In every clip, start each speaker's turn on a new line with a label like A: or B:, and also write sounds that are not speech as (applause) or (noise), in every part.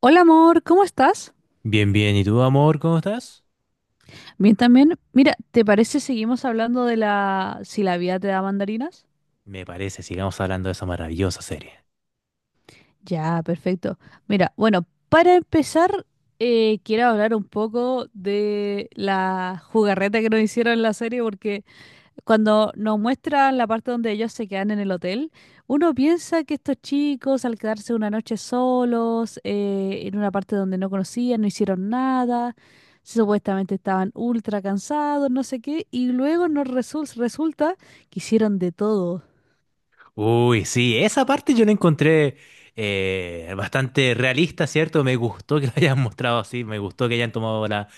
A: Hola amor, ¿cómo estás?
B: Bien, bien. ¿Y tú, amor, cómo estás?
A: Bien también. Mira, ¿te parece seguimos hablando de la si la vida te da mandarinas?
B: Me parece, sigamos hablando de esa maravillosa serie.
A: Ya, perfecto. Mira, bueno, para empezar, quiero hablar un poco de la jugarreta que nos hicieron en la serie porque cuando nos muestran la parte donde ellos se quedan en el hotel, uno piensa que estos chicos al quedarse una noche solos, en una parte donde no conocían, no hicieron nada. Supuestamente estaban ultra cansados, no sé qué, y luego nos resulta que hicieron de todo.
B: Uy, sí, esa parte yo la encontré bastante realista, ¿cierto? Me gustó que la hayan mostrado así, me gustó que hayan tomado la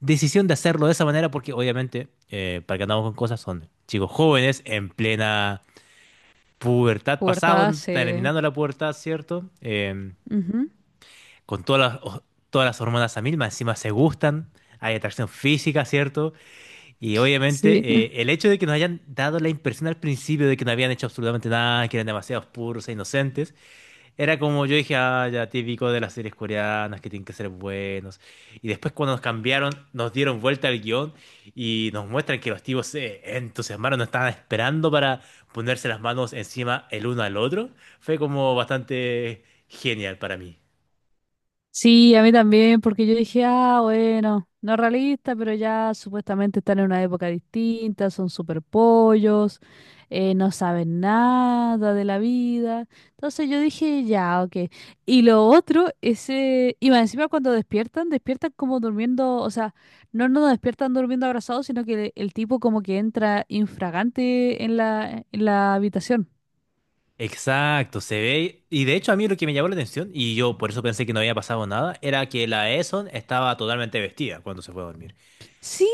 B: decisión de hacerlo de esa manera, porque obviamente, para que andamos con cosas, son chicos jóvenes en plena pubertad, pasado,
A: Puertas,
B: terminando la pubertad, ¿cierto? Em,
A: ujú.
B: con todas las hormonas a mil, más encima se gustan, hay atracción física, ¿cierto? Y
A: Sí,
B: obviamente
A: (laughs)
B: el hecho de que nos hayan dado la impresión al principio de que no habían hecho absolutamente nada, que eran demasiados puros e inocentes, era como yo dije, ah, ya típico de las series coreanas que tienen que ser buenos. Y después cuando nos cambiaron, nos dieron vuelta al guión y nos muestran que los tipos se entusiasmaron, no estaban esperando para ponerse las manos encima el uno al otro. Fue como bastante genial para mí.
A: Sí, a mí también, porque yo dije, ah, bueno, no es realista, pero ya supuestamente están en una época distinta, son super pollos, no saben nada de la vida. Entonces yo dije, ya, ok. Y lo otro es, y más encima cuando despiertan, despiertan como durmiendo, o sea, no nos despiertan durmiendo abrazados, sino que el tipo como que entra infragante en la habitación.
B: Exacto, se ve. Y de hecho a mí lo que me llamó la atención, y yo por eso pensé que no había pasado nada, era que la Eson estaba totalmente vestida cuando se fue a dormir.
A: Sí,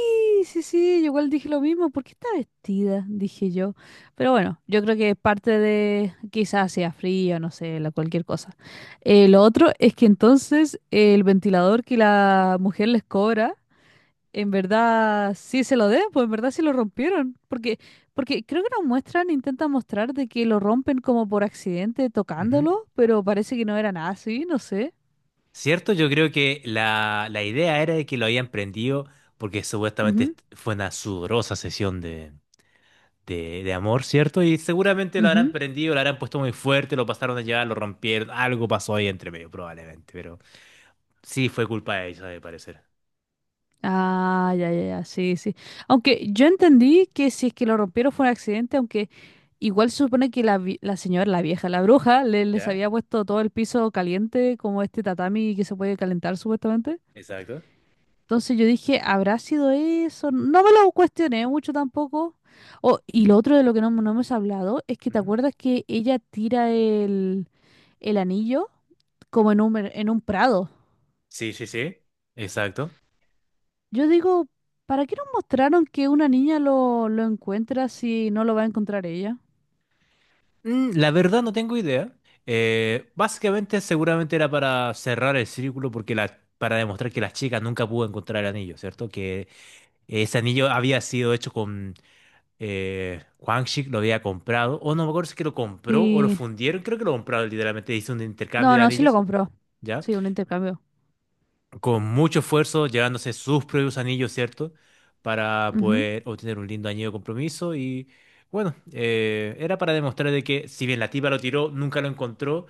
A: sí, sí, yo igual dije lo mismo, ¿por qué está vestida? Dije yo. Pero bueno, yo creo que es parte de, quizás sea frío, no sé, la, cualquier cosa. Lo otro es que entonces el ventilador que la mujer les cobra, en verdad sí se lo den, pues en verdad sí lo rompieron, porque, porque creo que nos muestran, intentan mostrar de que lo rompen como por accidente
B: Ujú.
A: tocándolo, pero parece que no era nada así, no sé.
B: ¿Cierto? Yo creo que la idea era de que lo habían prendido porque supuestamente
A: Ujú,
B: est- fue una sudorosa sesión de amor, ¿cierto? Y seguramente lo habrán
A: ujú.
B: prendido, lo habrán puesto muy fuerte, lo pasaron a llevar, lo rompieron, algo pasó ahí entre medio, probablemente, pero sí fue culpa de ella, de parecer.
A: Ah, ya, ya, ya, sí, sí. Aunque yo entendí que si es que lo rompieron fue un accidente, aunque igual se supone que la señora, la vieja, la bruja, les
B: ¿Ya?
A: había puesto todo el piso caliente, como este tatami que se puede calentar supuestamente.
B: Exacto.
A: Entonces yo dije, ¿habrá sido eso? No me lo cuestioné mucho tampoco. Oh, y lo otro de lo que no, no hemos hablado es que te
B: Ujú.
A: acuerdas que ella tira el anillo como en un prado.
B: Sí, sí, sí. Exacto.
A: Yo digo, ¿para qué nos mostraron que una niña lo encuentra si no lo va a encontrar ella?
B: La verdad no tengo idea. Básicamente seguramente era para cerrar el círculo porque para demostrar que la chica nunca pudo encontrar el anillo, ¿cierto? Que ese anillo había sido hecho con Huang Shi, lo había comprado, o no me acuerdo si es que lo compró o lo
A: Sí.
B: fundieron, creo que lo compraron literalmente, hizo un intercambio
A: No,
B: de
A: no, sí lo
B: anillos,
A: compró.
B: ¿ya?
A: Sí, un intercambio.
B: Con mucho esfuerzo, llevándose sus propios anillos, ¿cierto? Para poder obtener un lindo anillo de compromiso y bueno, era para demostrar de que si bien la tipa lo tiró, nunca lo encontró.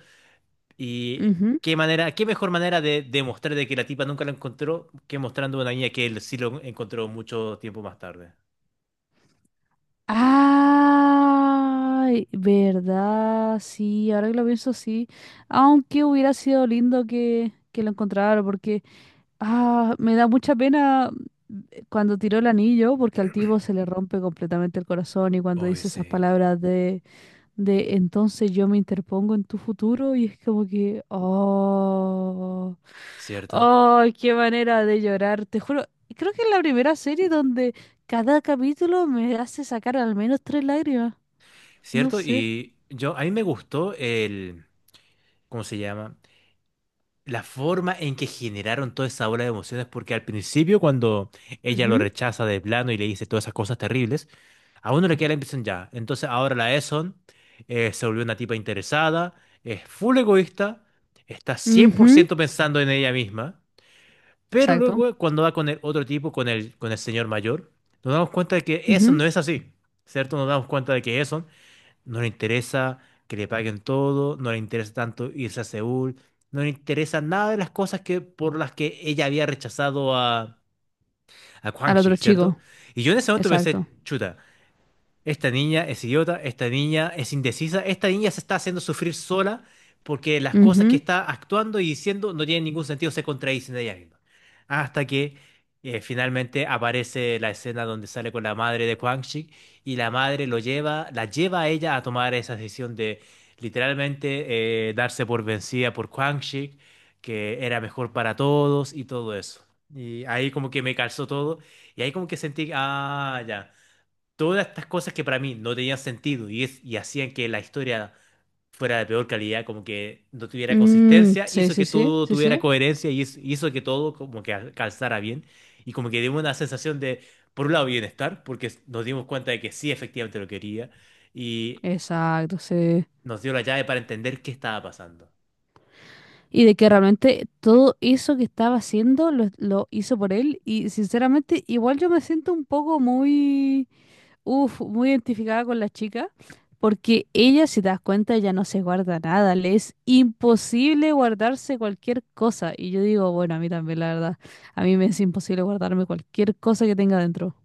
A: Ujú,
B: Y
A: ujú.
B: qué manera, qué mejor manera de demostrar de que la tipa nunca lo encontró que mostrando a una niña que él sí lo encontró mucho tiempo más tarde.
A: Ay, verdad, sí, ahora que lo pienso, sí. Aunque hubiera sido lindo que lo encontrara, porque ah, me da mucha pena cuando tiró el anillo, porque al tipo se le rompe completamente el corazón y cuando
B: Oh,
A: dice esas
B: sí,
A: palabras de entonces yo me interpongo en tu futuro y es como que, oh,
B: cierto.
A: oh, qué manera de llorar, te juro, creo que es la primera serie donde cada capítulo me hace sacar al menos tres lágrimas, no
B: Cierto,
A: sé.
B: a mí me gustó el, ¿cómo se llama? La forma en que generaron toda esa ola de emociones, porque al principio cuando ella lo
A: Ujú,
B: rechaza de plano y le dice todas esas cosas terribles, a uno le queda la impresión ya. Entonces ahora la Eson se volvió una tipa interesada, es full egoísta, está cien por
A: ujú,
B: ciento pensando en ella misma, pero
A: exacto.
B: luego cuando va con el otro tipo, con el señor mayor, nos damos cuenta de que Eson
A: Ujú.
B: no es así, ¿cierto? Nos damos cuenta de que Eson no le interesa que le paguen todo, no le interesa tanto irse a Seúl, no le interesa nada de las cosas por las que ella había rechazado a Kwang
A: Al
B: Shik,
A: otro
B: ¿cierto?
A: chico,
B: Y yo en ese momento
A: exacto.
B: pensé, chuta. Esta niña es idiota, esta niña es indecisa, esta niña se está haciendo sufrir sola porque las cosas que
A: Ujú.
B: está actuando y diciendo no tienen ningún sentido, se contradicen de ella misma. Hasta que finalmente aparece la escena donde sale con la madre de Quang Shi y la madre lo lleva, la lleva a ella a tomar esa decisión de literalmente darse por vencida por Quang Shi, que era mejor para todos y todo eso. Y ahí como que me calzó todo y ahí como que sentí, ah, ya todas estas cosas que para mí no tenían sentido y hacían que la historia fuera de peor calidad, como que no tuviera
A: Mm,
B: consistencia,
A: sí,
B: hizo
A: sí,
B: que
A: sí,
B: todo
A: sí,
B: tuviera
A: sí.
B: coherencia y hizo que todo como que calzara bien y como que dio una sensación de, por un lado, bienestar, porque nos dimos cuenta de que sí, efectivamente lo quería y
A: Exacto, sí.
B: nos dio la llave para entender qué estaba pasando.
A: Y de que realmente todo eso que estaba haciendo lo hizo por él y sinceramente igual yo me siento un poco muy, uf, muy identificada con la chica porque ella, si te das cuenta, ya no se guarda nada, le es imposible guardarse cualquier cosa y yo digo, bueno, a mí también la verdad, a mí me es imposible guardarme cualquier cosa que tenga dentro.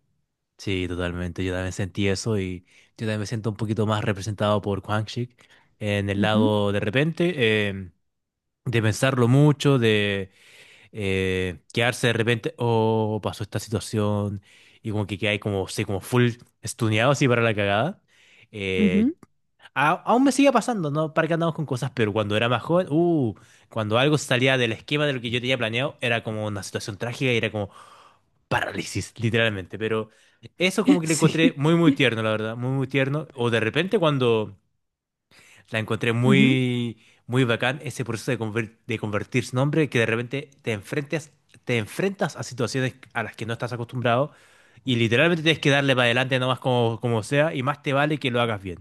B: Sí, totalmente. Yo también sentí eso y yo también me siento un poquito más representado por Quang Shik en el
A: Ujú,
B: lado de repente. De pensarlo mucho, de quedarse de repente, oh, pasó esta situación, y como que quedáis como, sí, como full estuneado así para la cagada. Eh,
A: ujú.
B: aún me sigue pasando, ¿no? Para que andamos con cosas, pero cuando era más joven, cuando algo salía del esquema de lo que yo tenía planeado, era como una situación trágica y era como parálisis, literalmente. Pero eso como
A: (laughs)
B: que lo encontré
A: Sí.
B: muy, muy tierno, la verdad, muy, muy tierno. O de repente cuando la encontré
A: Ujú.
B: muy, muy bacán ese proceso de convertirse en hombre que de repente te enfrentes, te enfrentas a situaciones a las que no estás acostumbrado y literalmente tienes que darle para adelante nomás como, como sea y más te vale que lo hagas bien.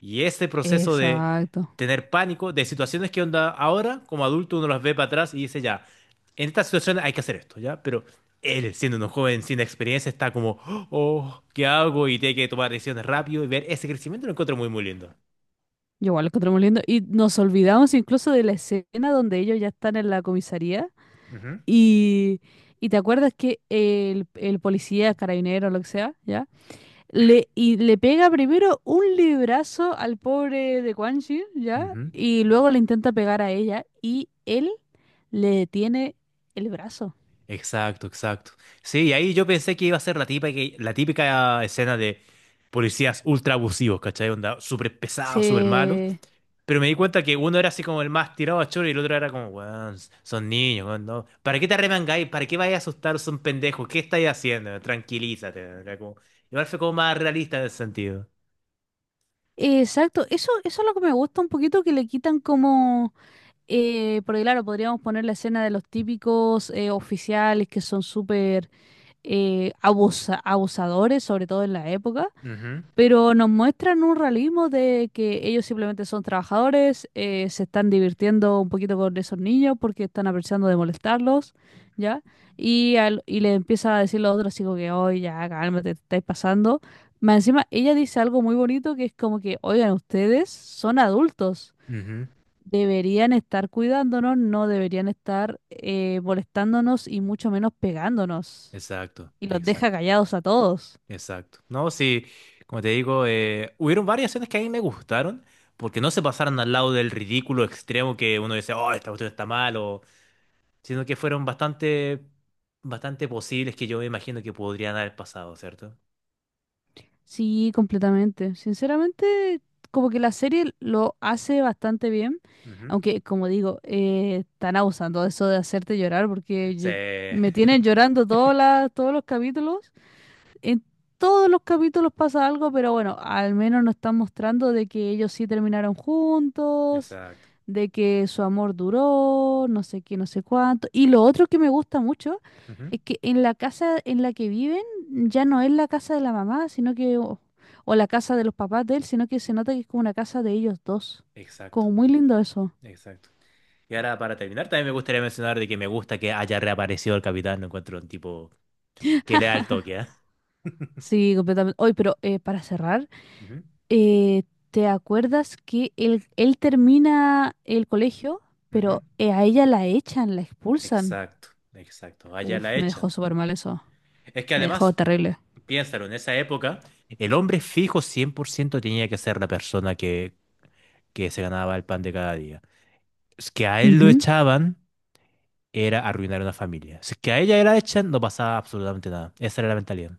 B: Y ese proceso de
A: Exacto.
B: tener pánico, de situaciones que onda ahora como adulto uno las ve para atrás y dice ya, en esta situación hay que hacer esto, ¿ya? Pero él, siendo un joven sin experiencia, está como, oh, ¿qué hago? Y tiene que tomar decisiones rápido y ver ese crecimiento lo encuentro muy, muy lindo.
A: Yo igual lo encontré muy lindo. Y nos olvidamos incluso de la escena donde ellos ya están en la comisaría.
B: Ujú.
A: Y, y te acuerdas que el policía, carabinero, lo que sea, ¿ya? Le, y le pega primero un librazo al pobre de Quan Chi, ¿ya?
B: Ujú.
A: Y luego le intenta pegar a ella. Y él le detiene el brazo.
B: Exacto, exacto. Sí, y ahí yo pensé que iba a ser la típica, la típica escena de policías ultra abusivos, ¿cachai? Onda, súper pesados, súper malos.
A: Se...
B: Pero me di cuenta que uno era así como el más tirado a choro y el otro era como, weón, son niños, weón, no. ¿Para qué te arremangáis? ¿Para qué vais a asustar? Son pendejos. ¿Qué estáis haciendo? Tranquilízate. Era como- Igual fue como más realista en ese sentido.
A: Exacto. Eso es lo que me gusta un poquito, que le quitan como, porque claro, podríamos poner la escena de los típicos oficiales que son súper abusadores, sobre todo en la época,
B: Ujú,
A: pero nos muestran un realismo de que ellos simplemente son trabajadores, se están divirtiendo un poquito con esos niños porque están aprovechando de molestarlos, ¿ya? Y le empieza a decir los otros así como que, oye, ya, cálmate, te estáis pasando. Más encima, ella dice algo muy bonito que es como que, oigan, ustedes son adultos.
B: ujú.
A: Deberían estar cuidándonos, no deberían estar molestándonos y mucho menos pegándonos.
B: Exacto,
A: Y los deja
B: exacto.
A: callados a todos.
B: Exacto. No, sí, como te digo, hubieron varias escenas que a mí me gustaron, porque no se pasaron al lado del ridículo extremo que uno dice, oh, esta cuestión está mal, o- sino que fueron bastante, bastante posibles que yo me imagino que podrían haber pasado, ¿cierto?
A: Sí, completamente. Sinceramente, como que la serie lo hace bastante bien,
B: Ujú.
A: aunque como digo, están abusando de eso de hacerte llorar porque
B: Sí.
A: me
B: (laughs)
A: tienen llorando todos los capítulos. En todos los capítulos pasa algo, pero bueno, al menos nos están mostrando de que ellos sí terminaron juntos,
B: Exacto.
A: de que su amor duró, no sé qué, no sé cuánto. Y lo otro que me gusta mucho
B: Ujú.
A: es que en la casa en la que viven ya no es la casa de la mamá, sino que, o la casa de los papás de él, sino que se nota que es como una casa de ellos dos.
B: Exacto.
A: Como muy lindo eso.
B: Exacto. Y ahora, para terminar, también me gustaría mencionar de que me gusta que haya reaparecido el capitán, lo encuentro un tipo que le da el toque, ¿eh? (laughs)
A: Sí, completamente. Hoy, pero para cerrar.
B: Ujú,
A: Eh, ¿Te acuerdas que él termina el colegio,
B: ujú.
A: pero a ella la echan, la expulsan?
B: Exacto, exacto. Allá la
A: Uf, me dejó
B: echan.
A: súper mal eso.
B: Es que
A: Me dejó
B: además,
A: terrible.
B: piénsalo, en esa época, el hombre fijo 100% tenía que ser la persona que se ganaba el pan de cada día. Es que a él lo
A: Ujú.
B: echaban, era arruinar una familia. Si es que a ella la echan, no pasaba absolutamente nada. Esa era la mentalidad.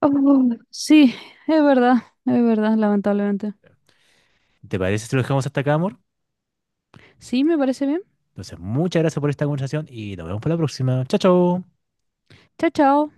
A: Oh, sí, es verdad, es verdad, lamentablemente.
B: ¿Te parece si lo dejamos hasta acá, amor?
A: Sí, me parece bien.
B: Entonces, muchas gracias por esta conversación y nos vemos para la próxima. Chao, chao.
A: Chao, chao.